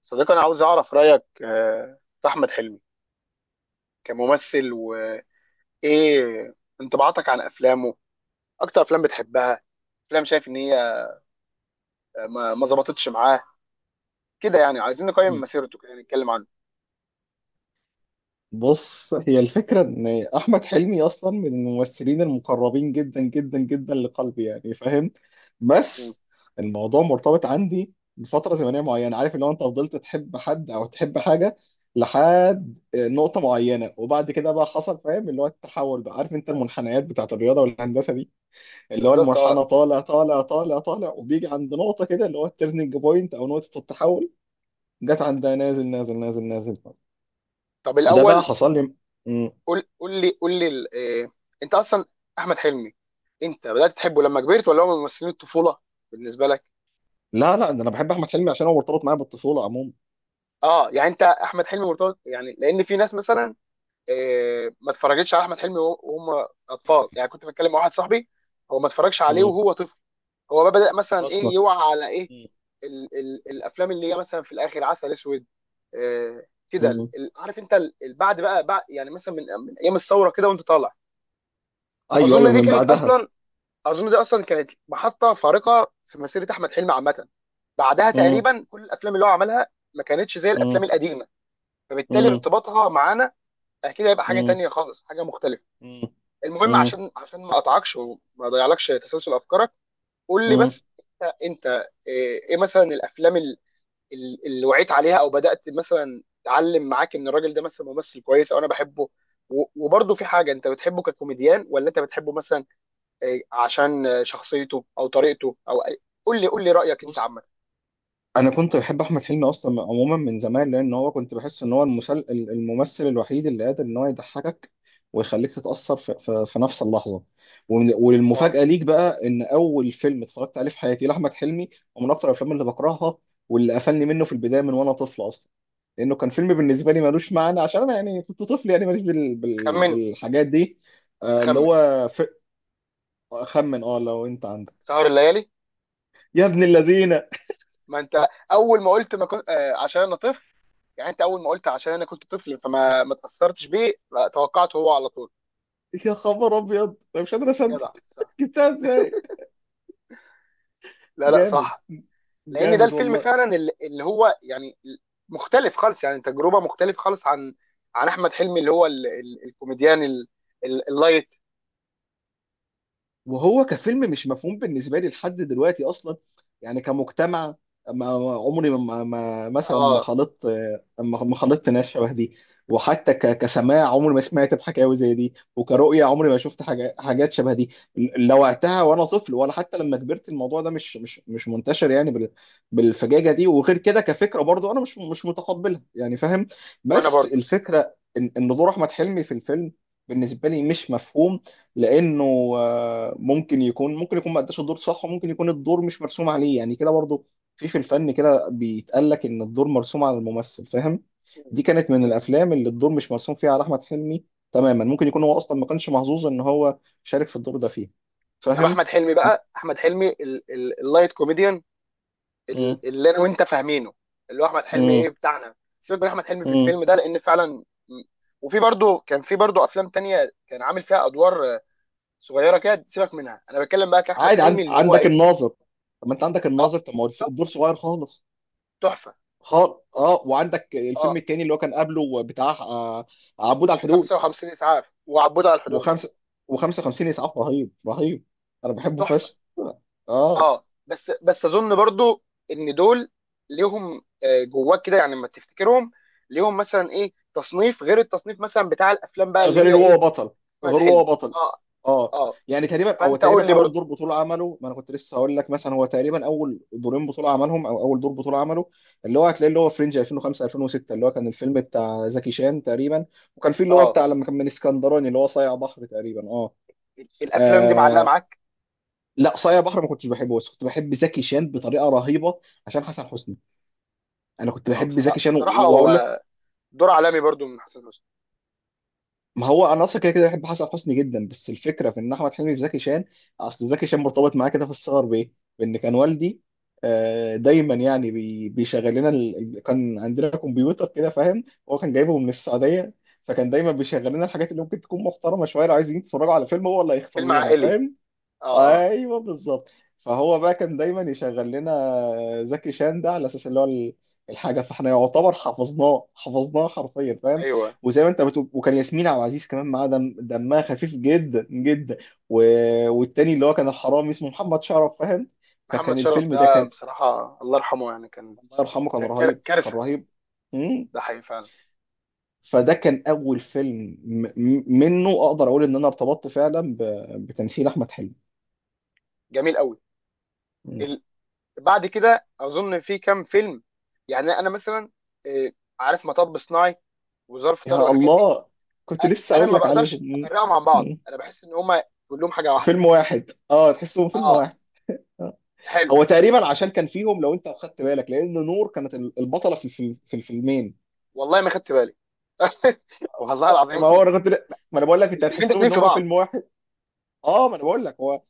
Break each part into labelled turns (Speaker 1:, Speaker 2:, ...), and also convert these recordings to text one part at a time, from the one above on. Speaker 1: صديقي، انا عاوز اعرف رايك في احمد حلمي كممثل. وايه انطباعاتك عن افلامه؟ اكتر افلام بتحبها، افلام شايف ان هي آه، ما ما ظبطتش معاه كده. يعني عايزين نقيم
Speaker 2: مم.
Speaker 1: مسيرته كده، نتكلم عنه.
Speaker 2: بص، هي الفكرة إن أحمد حلمي أصلا من الممثلين المقربين جدا جدا جدا لقلبي، يعني فاهم،
Speaker 1: مم.
Speaker 2: بس الموضوع مرتبط عندي بفترة زمنية معينة. عارف لو أنت فضلت تحب حد أو تحب حاجة لحد نقطة معينة، وبعد كده بقى حصل، فاهم، اللي هو التحول بقى. عارف أنت المنحنيات بتاعت الرياضة والهندسة دي، اللي هو
Speaker 1: بالظبط، اه.
Speaker 2: المنحنى طالع طالع طالع طالع، وبيجي عند نقطة كده اللي هو التيرنينج بوينت أو نقطة التحول، جت عندها نازل نازل نازل نازل.
Speaker 1: طب
Speaker 2: وده بقى
Speaker 1: الاول
Speaker 2: حصل لي.
Speaker 1: قول لي آه، انت اصلا احمد حلمي، انت بدات تحبه لما كبرت ولا هو من ممثلين الطفوله بالنسبه لك؟
Speaker 2: لا لا، ده انا بحب احمد حلمي عشان هو مرتبط معايا بالطفوله عموما.
Speaker 1: اه، يعني انت احمد حلمي مرتبط، يعني لان في ناس مثلا ما اتفرجتش على احمد حلمي وهم اطفال. يعني كنت بتكلم مع واحد صاحبي هو ما اتفرجش عليه
Speaker 2: مم.
Speaker 1: وهو طفل. هو بقى بدا مثلا ايه،
Speaker 2: اصلا
Speaker 1: يوعى على ايه؟
Speaker 2: مم.
Speaker 1: ال الافلام اللي هي مثلا في الاخر عسل اسود، إيه، كده ال-
Speaker 2: مم.
Speaker 1: ال- عارف انت، بعد بقى، بعد يعني مثلا من من ايام الثوره كده وانت طالع.
Speaker 2: ايوه
Speaker 1: اظن
Speaker 2: ايوه،
Speaker 1: دي
Speaker 2: من
Speaker 1: كانت
Speaker 2: بعدها.
Speaker 1: اصلا، اظن دي اصلا كانت محطه فارقه في مسيره احمد حلمي عامه. بعدها
Speaker 2: مم.
Speaker 1: تقريبا كل الافلام اللي هو عملها ما كانتش زي الافلام
Speaker 2: مم.
Speaker 1: القديمه، فبالتالي
Speaker 2: مم.
Speaker 1: ارتباطها معانا اكيد هيبقى حاجه
Speaker 2: مم.
Speaker 1: تانية خالص، حاجه مختلفه.
Speaker 2: مم.
Speaker 1: المهم،
Speaker 2: مم.
Speaker 1: عشان ما اقطعكش وما اضيعلكش تسلسل افكارك، قول لي
Speaker 2: مم.
Speaker 1: بس، انت ايه مثلا الافلام اللي وعيت عليها، او بدات مثلا تعلم معاك ان الراجل ده مثلا ممثل كويس او انا بحبه؟ وبرضه، في حاجه انت بتحبه ككوميديان ولا انت بتحبه مثلا، عشان شخصيته او طريقته او قول لي رايك انت
Speaker 2: بص،
Speaker 1: عامه.
Speaker 2: انا كنت بحب احمد حلمي اصلا عموما من زمان، لان هو كنت بحس ان هو الممثل الوحيد اللي قادر ان هو يضحكك ويخليك تتاثر في نفس اللحظه.
Speaker 1: اه.
Speaker 2: والمفاجاه ليك بقى ان اول فيلم اتفرجت عليه في حياتي لاحمد حلمي ومن اكثر الافلام اللي بكرهها واللي قفلني منه في البدايه من وانا طفل اصلا، لانه كان فيلم بالنسبه لي ملوش معنى عشان انا يعني كنت طفل، يعني ماليش
Speaker 1: اخمن.
Speaker 2: بالحاجات دي. اللي
Speaker 1: اخمن.
Speaker 2: هو خمن، اه لو انت عندك.
Speaker 1: سهر الليالي.
Speaker 2: يا ابن الذين،
Speaker 1: ما انت اول ما قلت ما كنت عشان انا طفل، يعني انت اول ما قلت عشان انا كنت طفل فما ما اتاثرتش بيه، لا، توقعته هو على طول.
Speaker 2: يا خبر ابيض، انا مش قادر اصدق.
Speaker 1: جدع، صح.
Speaker 2: جبتها ازاي؟
Speaker 1: لا لا،
Speaker 2: جامد.
Speaker 1: صح. لان ده
Speaker 2: جامد
Speaker 1: الفيلم
Speaker 2: والله.
Speaker 1: فعلا اللي هو يعني مختلف خالص، يعني تجربه مختلف خالص عن، عن احمد حلمي اللي هو ال الكوميديان ال اللايت.
Speaker 2: وهو كفيلم مش مفهوم بالنسبه لي لحد دلوقتي اصلا، يعني كمجتمع. ما عمري مثلا ما
Speaker 1: اه،
Speaker 2: خلطت، ما خلطت ناس شبه دي. وحتى كسماع عمري ما سمعت بحكاوي زي دي، وكرؤية عمري ما شفت حاجة حاجات شبه دي، لا وقتها وانا طفل ولا حتى لما كبرت. الموضوع ده مش منتشر يعني بالفجاجة دي، وغير كده كفكرة برضو انا مش متقبلها، يعني فاهم.
Speaker 1: وانا
Speaker 2: بس
Speaker 1: برضو
Speaker 2: الفكرة إن دور احمد حلمي في الفيلم بالنسبة لي مش مفهوم، لانه ممكن يكون، ممكن يكون ما اداش الدور صح، وممكن يكون الدور مش مرسوم عليه، يعني كده برضو. في الفن كده بيتقال لك ان الدور مرسوم على الممثل، فاهم.
Speaker 1: م-
Speaker 2: دي كانت
Speaker 1: م-
Speaker 2: من
Speaker 1: م.
Speaker 2: الافلام اللي الدور مش مرسوم فيها على احمد حلمي تماما. ممكن يكون هو اصلا ما كانش محظوظ ان هو شارك في الدور ده فيه.
Speaker 1: طب احمد
Speaker 2: فاهم.
Speaker 1: حلمي بقى، احمد حلمي اللايت كوميديان،
Speaker 2: امم
Speaker 1: اللي انا وانت فاهمينه، اللي هو احمد حلمي ايه
Speaker 2: امم
Speaker 1: بتاعنا. سيبك من احمد حلمي في
Speaker 2: امم
Speaker 1: الفيلم ده لان فعلا، وفي برضه، كان في برضه افلام تانية كان عامل فيها ادوار صغيره كده، سيبك منها. انا بتكلم بقى كاحمد
Speaker 2: عادي.
Speaker 1: حلمي اللي هو
Speaker 2: عندك
Speaker 1: ايه.
Speaker 2: الناظر، طب ما انت عندك
Speaker 1: اه.
Speaker 2: الناظر، طب ما هو
Speaker 1: ت-
Speaker 2: الدور صغير خالص.
Speaker 1: تحفه.
Speaker 2: خالص اه. وعندك الفيلم
Speaker 1: اه.
Speaker 2: التاني اللي هو كان قبله، بتاع عبود على الحدود
Speaker 1: 55 اسعاف، وعبود على الحدود.
Speaker 2: وخمسة و55 اسعاف. رهيب رهيب، انا بحبه
Speaker 1: تحفه.
Speaker 2: فشخ. اه.
Speaker 1: اه، بس اظن برضه ان دول ليهم جواك كده، يعني لما تفتكرهم ليهم مثلا ايه تصنيف غير التصنيف مثلا بتاع الافلام بقى اللي
Speaker 2: غير ان
Speaker 1: هي ايه.
Speaker 2: هو بطل.
Speaker 1: احمد
Speaker 2: غير هو
Speaker 1: حلمي.
Speaker 2: بطل.
Speaker 1: اه.
Speaker 2: اه.
Speaker 1: اه.
Speaker 2: يعني تقريبا، او
Speaker 1: فانت قول
Speaker 2: تقريبا
Speaker 1: لي
Speaker 2: اول
Speaker 1: برضه.
Speaker 2: دور بطوله عمله، ما انا كنت لسه هقول لك، مثلا هو تقريبا اول دورين بطوله عملهم، او اول دور بطوله عمله، اللي هو هتلاقيه اللي هو فرنج 2005 2006، اللي هو كان الفيلم بتاع زكي شان تقريبا. وكان في اللي هو
Speaker 1: اه.
Speaker 2: بتاع لما كان من اسكندراني اللي هو صايع بحر تقريبا، اه,
Speaker 1: الافلام دي معلقه
Speaker 2: آه
Speaker 1: معاك.
Speaker 2: لا، صايع بحر ما كنتش بحبه، بس كنت بحب زكي شان بطريقه رهيبه، عشان حسن حسني. انا كنت
Speaker 1: اه،
Speaker 2: بحب زكي
Speaker 1: بصراحه،
Speaker 2: شان،
Speaker 1: بصراحه
Speaker 2: وهقول.
Speaker 1: هو دور عالمي برضو من حسن حسني.
Speaker 2: ما هو انا اصلا كده كده بحب حسن حسني جدا، بس الفكره في ان احمد حلمي في زكي شان. اصل زكي شان مرتبط معايا كده في الصغر بايه؟ بان كان والدي دايما يعني بيشغل لنا كان عندنا كمبيوتر كده، فاهم. هو كان جايبه من السعوديه. فكان دايما بيشغل لنا الحاجات اللي ممكن تكون محترمه شويه، لو عايزين يتفرجوا على فيلم هو اللي هيختار
Speaker 1: فيلم
Speaker 2: لنا،
Speaker 1: عائلي.
Speaker 2: فاهم.
Speaker 1: اه اه.
Speaker 2: ايوه بالظبط. فهو بقى كان دايما يشغل لنا زكي شان ده، على اساس اللي هو الحاجه، فاحنا يعتبر حفظناه حفظناه حرفيا، فاهم.
Speaker 1: ايوه.
Speaker 2: وزي ما انت بتقول، وكان ياسمين عبد العزيز كمان معاه، دم دمها خفيف جدا جدا. و... والتاني اللي هو كان الحرامي، اسمه محمد شرف، فاهم.
Speaker 1: محمد
Speaker 2: فكان
Speaker 1: شرف
Speaker 2: الفيلم ده
Speaker 1: ده
Speaker 2: كان،
Speaker 1: بصراحه، الله يرحمه، يعني كان،
Speaker 2: الله يرحمه، كان
Speaker 1: كان
Speaker 2: رهيب كان
Speaker 1: كارثه.
Speaker 2: رهيب. مم.
Speaker 1: ده حقيقي فعلا.
Speaker 2: فده كان اول فيلم منه اقدر اقول ان انا ارتبطت فعلا ب... بتمثيل احمد حلمي.
Speaker 1: جميل قوي.
Speaker 2: مم.
Speaker 1: ال... بعد كده اظن في كام فيلم، يعني انا مثلا آه، عارف مطب صناعي وظرف طارق
Speaker 2: يا
Speaker 1: والحاجات دي.
Speaker 2: الله، كنت لسه
Speaker 1: انا
Speaker 2: اقول
Speaker 1: ما
Speaker 2: لك عليهم.
Speaker 1: بقدرش
Speaker 2: مم.
Speaker 1: افرقهم عن بعض،
Speaker 2: مم.
Speaker 1: انا بحس ان هما كلهم حاجه واحده.
Speaker 2: فيلم واحد، اه، تحسهم فيلم
Speaker 1: اه.
Speaker 2: واحد. آه.
Speaker 1: حلو.
Speaker 2: هو تقريبا عشان كان فيهم، لو انت اخدت بالك، لان نور كانت البطله في في الفيلمين.
Speaker 1: والله ما خدت بالي. والله العظيم.
Speaker 2: ما هو انا كنت، ما انا بقول لك انت
Speaker 1: الفيلمين
Speaker 2: هتحسهم
Speaker 1: داخلين
Speaker 2: ان
Speaker 1: في
Speaker 2: هم
Speaker 1: بعض.
Speaker 2: فيلم واحد. اه، ما انا بقول لك هو.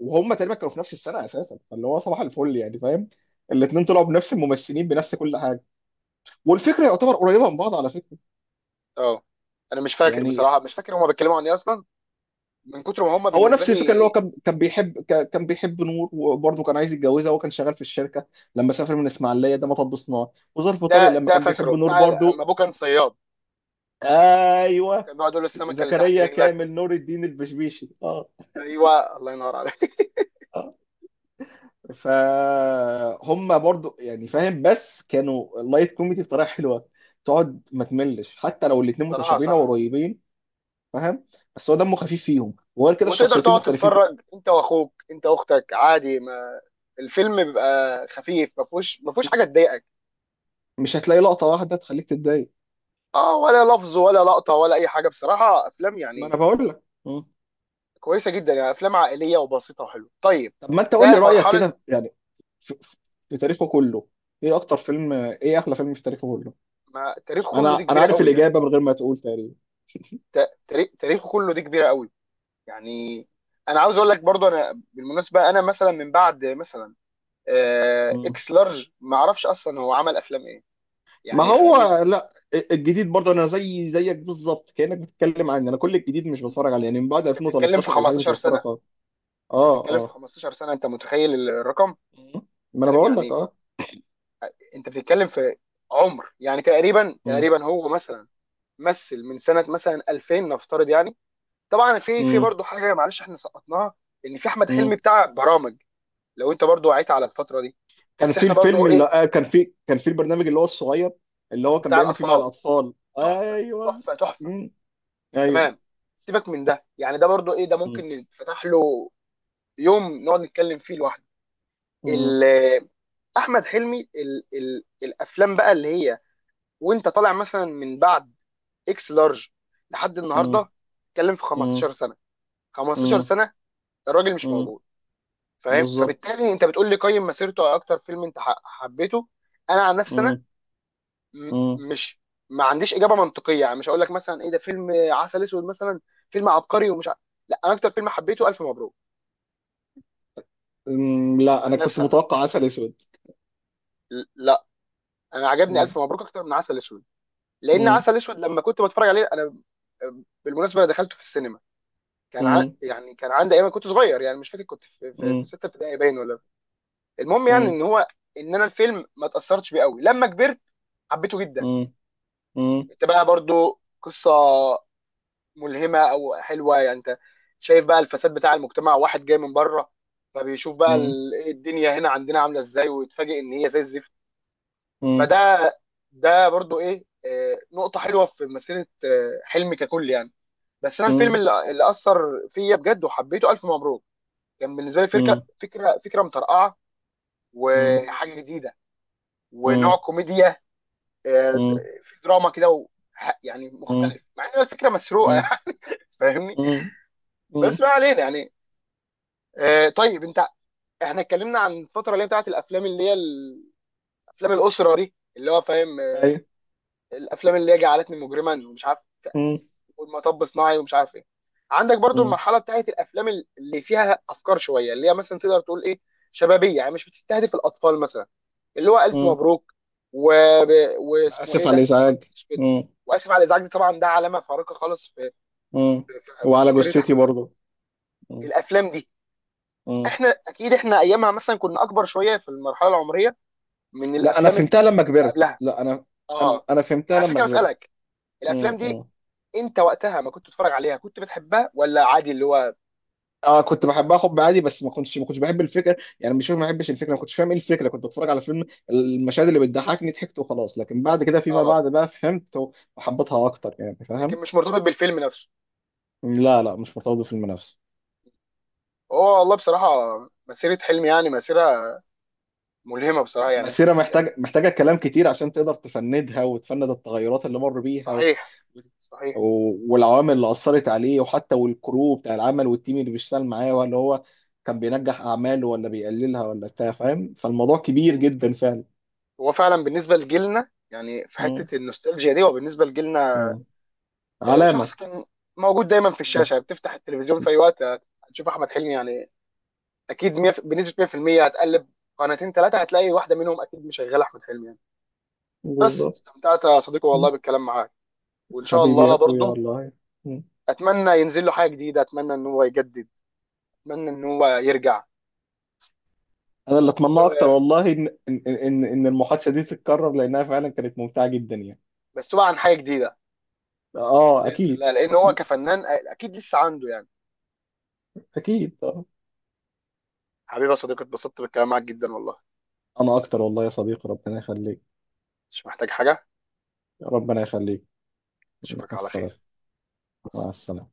Speaker 2: وهم تقريبا كانوا في نفس السنه اساسا، فاللي هو صباح الفل، يعني فاهم. الاثنين طلعوا بنفس الممثلين، بنفس كل حاجه، والفكره يعتبر قريبه من بعض، على فكره.
Speaker 1: اه. انا مش فاكر
Speaker 2: يعني
Speaker 1: بصراحه، مش فاكر هما بيتكلموا عن ايه اصلا، من كتر ما هما
Speaker 2: هو
Speaker 1: بالنسبه
Speaker 2: نفس الفكره، اللي هو
Speaker 1: لي.
Speaker 2: كان بيحب، كان بيحب نور، وبرضه كان عايز يتجوزها، وهو كان شغال في الشركه لما سافر من اسماعيليه، ده مطب صناعي. وظرف طارق
Speaker 1: ده
Speaker 2: لما
Speaker 1: ده
Speaker 2: كان
Speaker 1: فاكره
Speaker 2: بيحب نور
Speaker 1: بتاع اما
Speaker 2: برضه.
Speaker 1: ابوه كان صياد،
Speaker 2: ايوه.
Speaker 1: كان بيقعد يقول له السمكه اللي تحت
Speaker 2: زكريا
Speaker 1: رجلك و...
Speaker 2: كامل نور الدين البشبيشي، اه.
Speaker 1: ايوه، الله ينور عليك.
Speaker 2: اه. فهم برضه، يعني فاهم، بس كانوا لايت كوميدي بطريقه حلوه، تقعد ما تملش حتى لو الاثنين
Speaker 1: بصراحه،
Speaker 2: متشابهين او
Speaker 1: صح.
Speaker 2: قريبين، فاهم. بس هو دمه خفيف فيهم، وغير كده
Speaker 1: وتقدر
Speaker 2: الشخصيتين
Speaker 1: تقعد
Speaker 2: مختلفين.
Speaker 1: تتفرج انت واخوك، انت واختك، عادي. ما الفيلم بيبقى خفيف، ما فيهوش ما فيهوش حاجه تضايقك.
Speaker 2: مش هتلاقي لقطه واحده تخليك تتضايق.
Speaker 1: اه، ولا لفظ ولا لقطه ولا اي حاجه. بصراحه افلام
Speaker 2: ما انا
Speaker 1: يعني
Speaker 2: بقول لك.
Speaker 1: كويسه جدا، يعني افلام عائليه وبسيطه وحلوه. طيب،
Speaker 2: طب ما انت قول لي
Speaker 1: ده
Speaker 2: رأيك
Speaker 1: مرحله.
Speaker 2: كده يعني في, في في تاريخه كله. ايه اكتر فيلم، ايه احلى فيلم في تاريخه كله؟
Speaker 1: ما تاريخ كله
Speaker 2: انا
Speaker 1: دي كبيره
Speaker 2: عارف
Speaker 1: قوي يعني.
Speaker 2: الإجابة من غير ما تقول تقريبا.
Speaker 1: تاريخ تاريخه كله دي كبيره قوي يعني. انا عاوز اقول لك برضه، انا بالمناسبه انا مثلا من بعد مثلا
Speaker 2: مم.
Speaker 1: اكس لارج ما اعرفش اصلا هو عمل افلام ايه،
Speaker 2: ما
Speaker 1: يعني فاهمني.
Speaker 2: هو، لا، الجديد برضه انا زي زيك بالظبط، كأنك بتتكلم عني. انا كل الجديد مش بتفرج عليه، يعني من بعد
Speaker 1: انت بتتكلم في
Speaker 2: 2013 ولا حاجة مش
Speaker 1: 15
Speaker 2: بتفرج
Speaker 1: سنه،
Speaker 2: خالص.
Speaker 1: انت
Speaker 2: اه
Speaker 1: بتتكلم في
Speaker 2: اه.
Speaker 1: 15 سنه، انت متخيل الرقم؟
Speaker 2: مم. ما انا
Speaker 1: فاهم
Speaker 2: بقول لك
Speaker 1: يعني،
Speaker 2: اه.
Speaker 1: انت بتتكلم في عمر، يعني تقريبا،
Speaker 2: مم.
Speaker 1: تقريبا هو مثلا، مثل من سنه مثلا 2000 نفترض يعني. طبعا في، في
Speaker 2: مم.
Speaker 1: برضه حاجه معلش احنا سقطناها، ان في احمد حلمي
Speaker 2: مم.
Speaker 1: بتاع برامج لو انت برضه وعيت على الفتره دي.
Speaker 2: كان
Speaker 1: بس
Speaker 2: في
Speaker 1: احنا
Speaker 2: الفيلم
Speaker 1: برضه
Speaker 2: اللي
Speaker 1: ايه،
Speaker 2: كان في، كان في البرنامج اللي هو الصغير، اللي هو كان
Speaker 1: بتاع
Speaker 2: بيعمل فيه مع
Speaker 1: الاطفال.
Speaker 2: الأطفال،
Speaker 1: تحفه.
Speaker 2: ايوه.
Speaker 1: تحفه. تحفه.
Speaker 2: مم. ايوه.
Speaker 1: تمام. سيبك من ده، يعني ده برضو ايه، ده
Speaker 2: مم.
Speaker 1: ممكن نفتح له يوم نقعد نتكلم فيه لوحده.
Speaker 2: مم.
Speaker 1: ال- احمد حلمي ال الافلام بقى اللي هي وانت طالع مثلا من بعد اكس لارج لحد النهارده، اتكلم في
Speaker 2: مم.
Speaker 1: 15 سنه. 15
Speaker 2: مم.
Speaker 1: سنه الراجل مش
Speaker 2: مم.
Speaker 1: موجود، فاهم.
Speaker 2: بالظبط.
Speaker 1: فبالتالي انت بتقول لي قيم مسيرته على اكتر فيلم انت حبيته. انا عن نفسي
Speaker 2: مم.
Speaker 1: م-
Speaker 2: مم.
Speaker 1: مش ما عنديش اجابه منطقيه، يعني مش هقول لك مثلا ايه ده فيلم عسل اسود مثلا فيلم عبقري ومش لا، انا اكتر فيلم حبيته الف مبروك.
Speaker 2: مم. لا، انا
Speaker 1: عن
Speaker 2: كنت
Speaker 1: نفسي انا،
Speaker 2: متوقع عسل اسود.
Speaker 1: لا، انا عجبني
Speaker 2: مم.
Speaker 1: الف مبروك اكتر من عسل اسود. لان
Speaker 2: مم.
Speaker 1: عسل اسود لما كنت بتفرج عليه انا، بالمناسبه دخلته في السينما، كان
Speaker 2: مم.
Speaker 1: يعني كان عندي ايام، كنت صغير، يعني مش فاكر كنت في في
Speaker 2: مم.
Speaker 1: سته ابتدائي باين ولا. المهم، يعني
Speaker 2: مم.
Speaker 1: ان هو، ان انا الفيلم ما اتاثرتش بيه قوي. لما كبرت حبيته جدا.
Speaker 2: مم. مم.
Speaker 1: انت بقى برضو قصه ملهمه او حلوه، يعني انت شايف بقى الفساد بتاع المجتمع، واحد جاي من بره، فبيشوف بقى ال- إيه الدنيا هنا عندنا عامله ازاي، ويتفاجئ ان هي زي الزفت.
Speaker 2: مم.
Speaker 1: فده، ده برضو ايه نقطه حلوه في مسيره حلمي ككل يعني. بس انا الفيلم
Speaker 2: مم.
Speaker 1: اللي اثر فيا بجد وحبيته الف مبروك. كان بالنسبه لي فكره
Speaker 2: مم.
Speaker 1: فكره فكره مطرقعه
Speaker 2: مم.
Speaker 1: وحاجه جديده ونوع
Speaker 2: مم.
Speaker 1: كوميديا آه، د-
Speaker 2: مم.
Speaker 1: في دراما كده يعني
Speaker 2: مم.
Speaker 1: مختلف، مع ان الفكره مسروقه.
Speaker 2: مم.
Speaker 1: يعني فاهمني.
Speaker 2: مم.
Speaker 1: بس
Speaker 2: مم.
Speaker 1: ما علينا يعني. آه، طيب انت، احنا اتكلمنا عن الفتره اللي هي بتاعت الافلام اللي هي افلام الاسره دي، اللي هو فاهم
Speaker 2: ايوه.
Speaker 1: الافلام اللي هي جعلتني مجرما ومش عارف
Speaker 2: مم.
Speaker 1: والمطب صناعي ومش عارف ايه. عندك برضو
Speaker 2: مم.
Speaker 1: المرحله بتاعت الافلام اللي فيها افكار شويه، اللي هي مثلا تقدر تقول ايه، شبابيه، يعني مش بتستهدف الاطفال مثلا. اللي هو الف
Speaker 2: مم.
Speaker 1: مبروك و... واسمه ايه
Speaker 2: اسف على
Speaker 1: ده؟ عسل
Speaker 2: الازعاج.
Speaker 1: أسود.
Speaker 2: مم.
Speaker 1: واسف على الازعاج. دي طبعا ده علامه فارقه خالص في،
Speaker 2: مم.
Speaker 1: في، في
Speaker 2: وعلى
Speaker 1: مسيره
Speaker 2: جثتي
Speaker 1: احمد حلمي.
Speaker 2: برضو. مم.
Speaker 1: الافلام دي
Speaker 2: مم.
Speaker 1: احنا اكيد، احنا ايامها مثلا كنا اكبر شويه في المرحله العمريه من
Speaker 2: لا انا
Speaker 1: الافلام اللي
Speaker 2: فهمتها لما كبرت،
Speaker 1: قبلها.
Speaker 2: لا انا، انا
Speaker 1: اه،
Speaker 2: أنا
Speaker 1: انا
Speaker 2: فهمتها
Speaker 1: عشان
Speaker 2: لما
Speaker 1: كده
Speaker 2: كبرت.
Speaker 1: بسالك. الافلام دي
Speaker 2: مم.
Speaker 1: انت وقتها ما كنت بتتفرج عليها، كنت بتحبها ولا عادي اللي هو؟
Speaker 2: اه، كنت بحبها حب عادي، بس ما كنتش بحب الفكره، يعني مش فاهم، ما بحبش الفكره، ما كنتش فاهم ايه الفكره. كنت بتفرج على فيلم، المشاهد اللي بتضحكني ضحكت وخلاص، لكن بعد كده فيما
Speaker 1: اه،
Speaker 2: بعد بقى فهمت وحبيتها اكتر، يعني
Speaker 1: لكن
Speaker 2: فاهم.
Speaker 1: مش مرتبط بالفيلم نفسه.
Speaker 2: لا لا، مش مرتبط بالفيلم نفسه.
Speaker 1: هو والله بصراحه، مسيره حلمي يعني مسيره ملهمه بصراحه يعني.
Speaker 2: مسيره محتاج، محتاجه كلام كتير عشان تقدر تفندها وتفند التغيرات اللي مر بيها و...
Speaker 1: صحيح. صحيح.
Speaker 2: و... والعوامل اللي اثرت عليه، وحتى والكرو بتاع العمل والتيم اللي بيشتغل معاه، ولا هو كان بينجح اعماله ولا بيقللها ولا بتاع، فاهم. فالموضوع كبير
Speaker 1: هو،
Speaker 2: جدا فعلا.
Speaker 1: هو فعلا بالنسبه لجيلنا، يعني في
Speaker 2: مم.
Speaker 1: حته النوستالجيا دي، وبالنسبه لجيلنا
Speaker 2: مم.
Speaker 1: شخص
Speaker 2: علامه.
Speaker 1: كان موجود دايما في الشاشه. بتفتح التلفزيون في اي وقت هتشوف احمد حلمي، يعني اكيد 100 بنسبه 100% هتقلب قناتين ثلاثه هتلاقي واحده منهم اكيد مشغله احمد حلمي يعني. بس،
Speaker 2: بالظبط.
Speaker 1: استمتعت يا صديقي والله
Speaker 2: مم.
Speaker 1: بالكلام معاك، وان شاء
Speaker 2: حبيبي يا
Speaker 1: الله
Speaker 2: اخويا
Speaker 1: برضه
Speaker 2: والله. مم.
Speaker 1: اتمنى ينزل له حاجه جديده، اتمنى ان هو يجدد، اتمنى ان هو يرجع
Speaker 2: انا اللي اتمناه اكتر
Speaker 1: و-
Speaker 2: والله ان المحادثه دي تتكرر، لانها فعلا كانت ممتعه جدا يعني.
Speaker 1: بس هو عن حاجه جديده
Speaker 2: اه
Speaker 1: باذن
Speaker 2: اكيد.
Speaker 1: الله، لان هو
Speaker 2: مم.
Speaker 1: كفنان اكيد لسه عنده يعني.
Speaker 2: اكيد آه.
Speaker 1: حبيبي يا صديقي، اتبسطت بالكلام معاك جدا والله.
Speaker 2: انا اكتر والله يا صديقي، ربنا يخليك.
Speaker 1: مش محتاج حاجه.
Speaker 2: ربنا يخليك. مع
Speaker 1: اشوفك على
Speaker 2: السلامه.
Speaker 1: خير. مع
Speaker 2: مع
Speaker 1: السلامة.
Speaker 2: السلامه.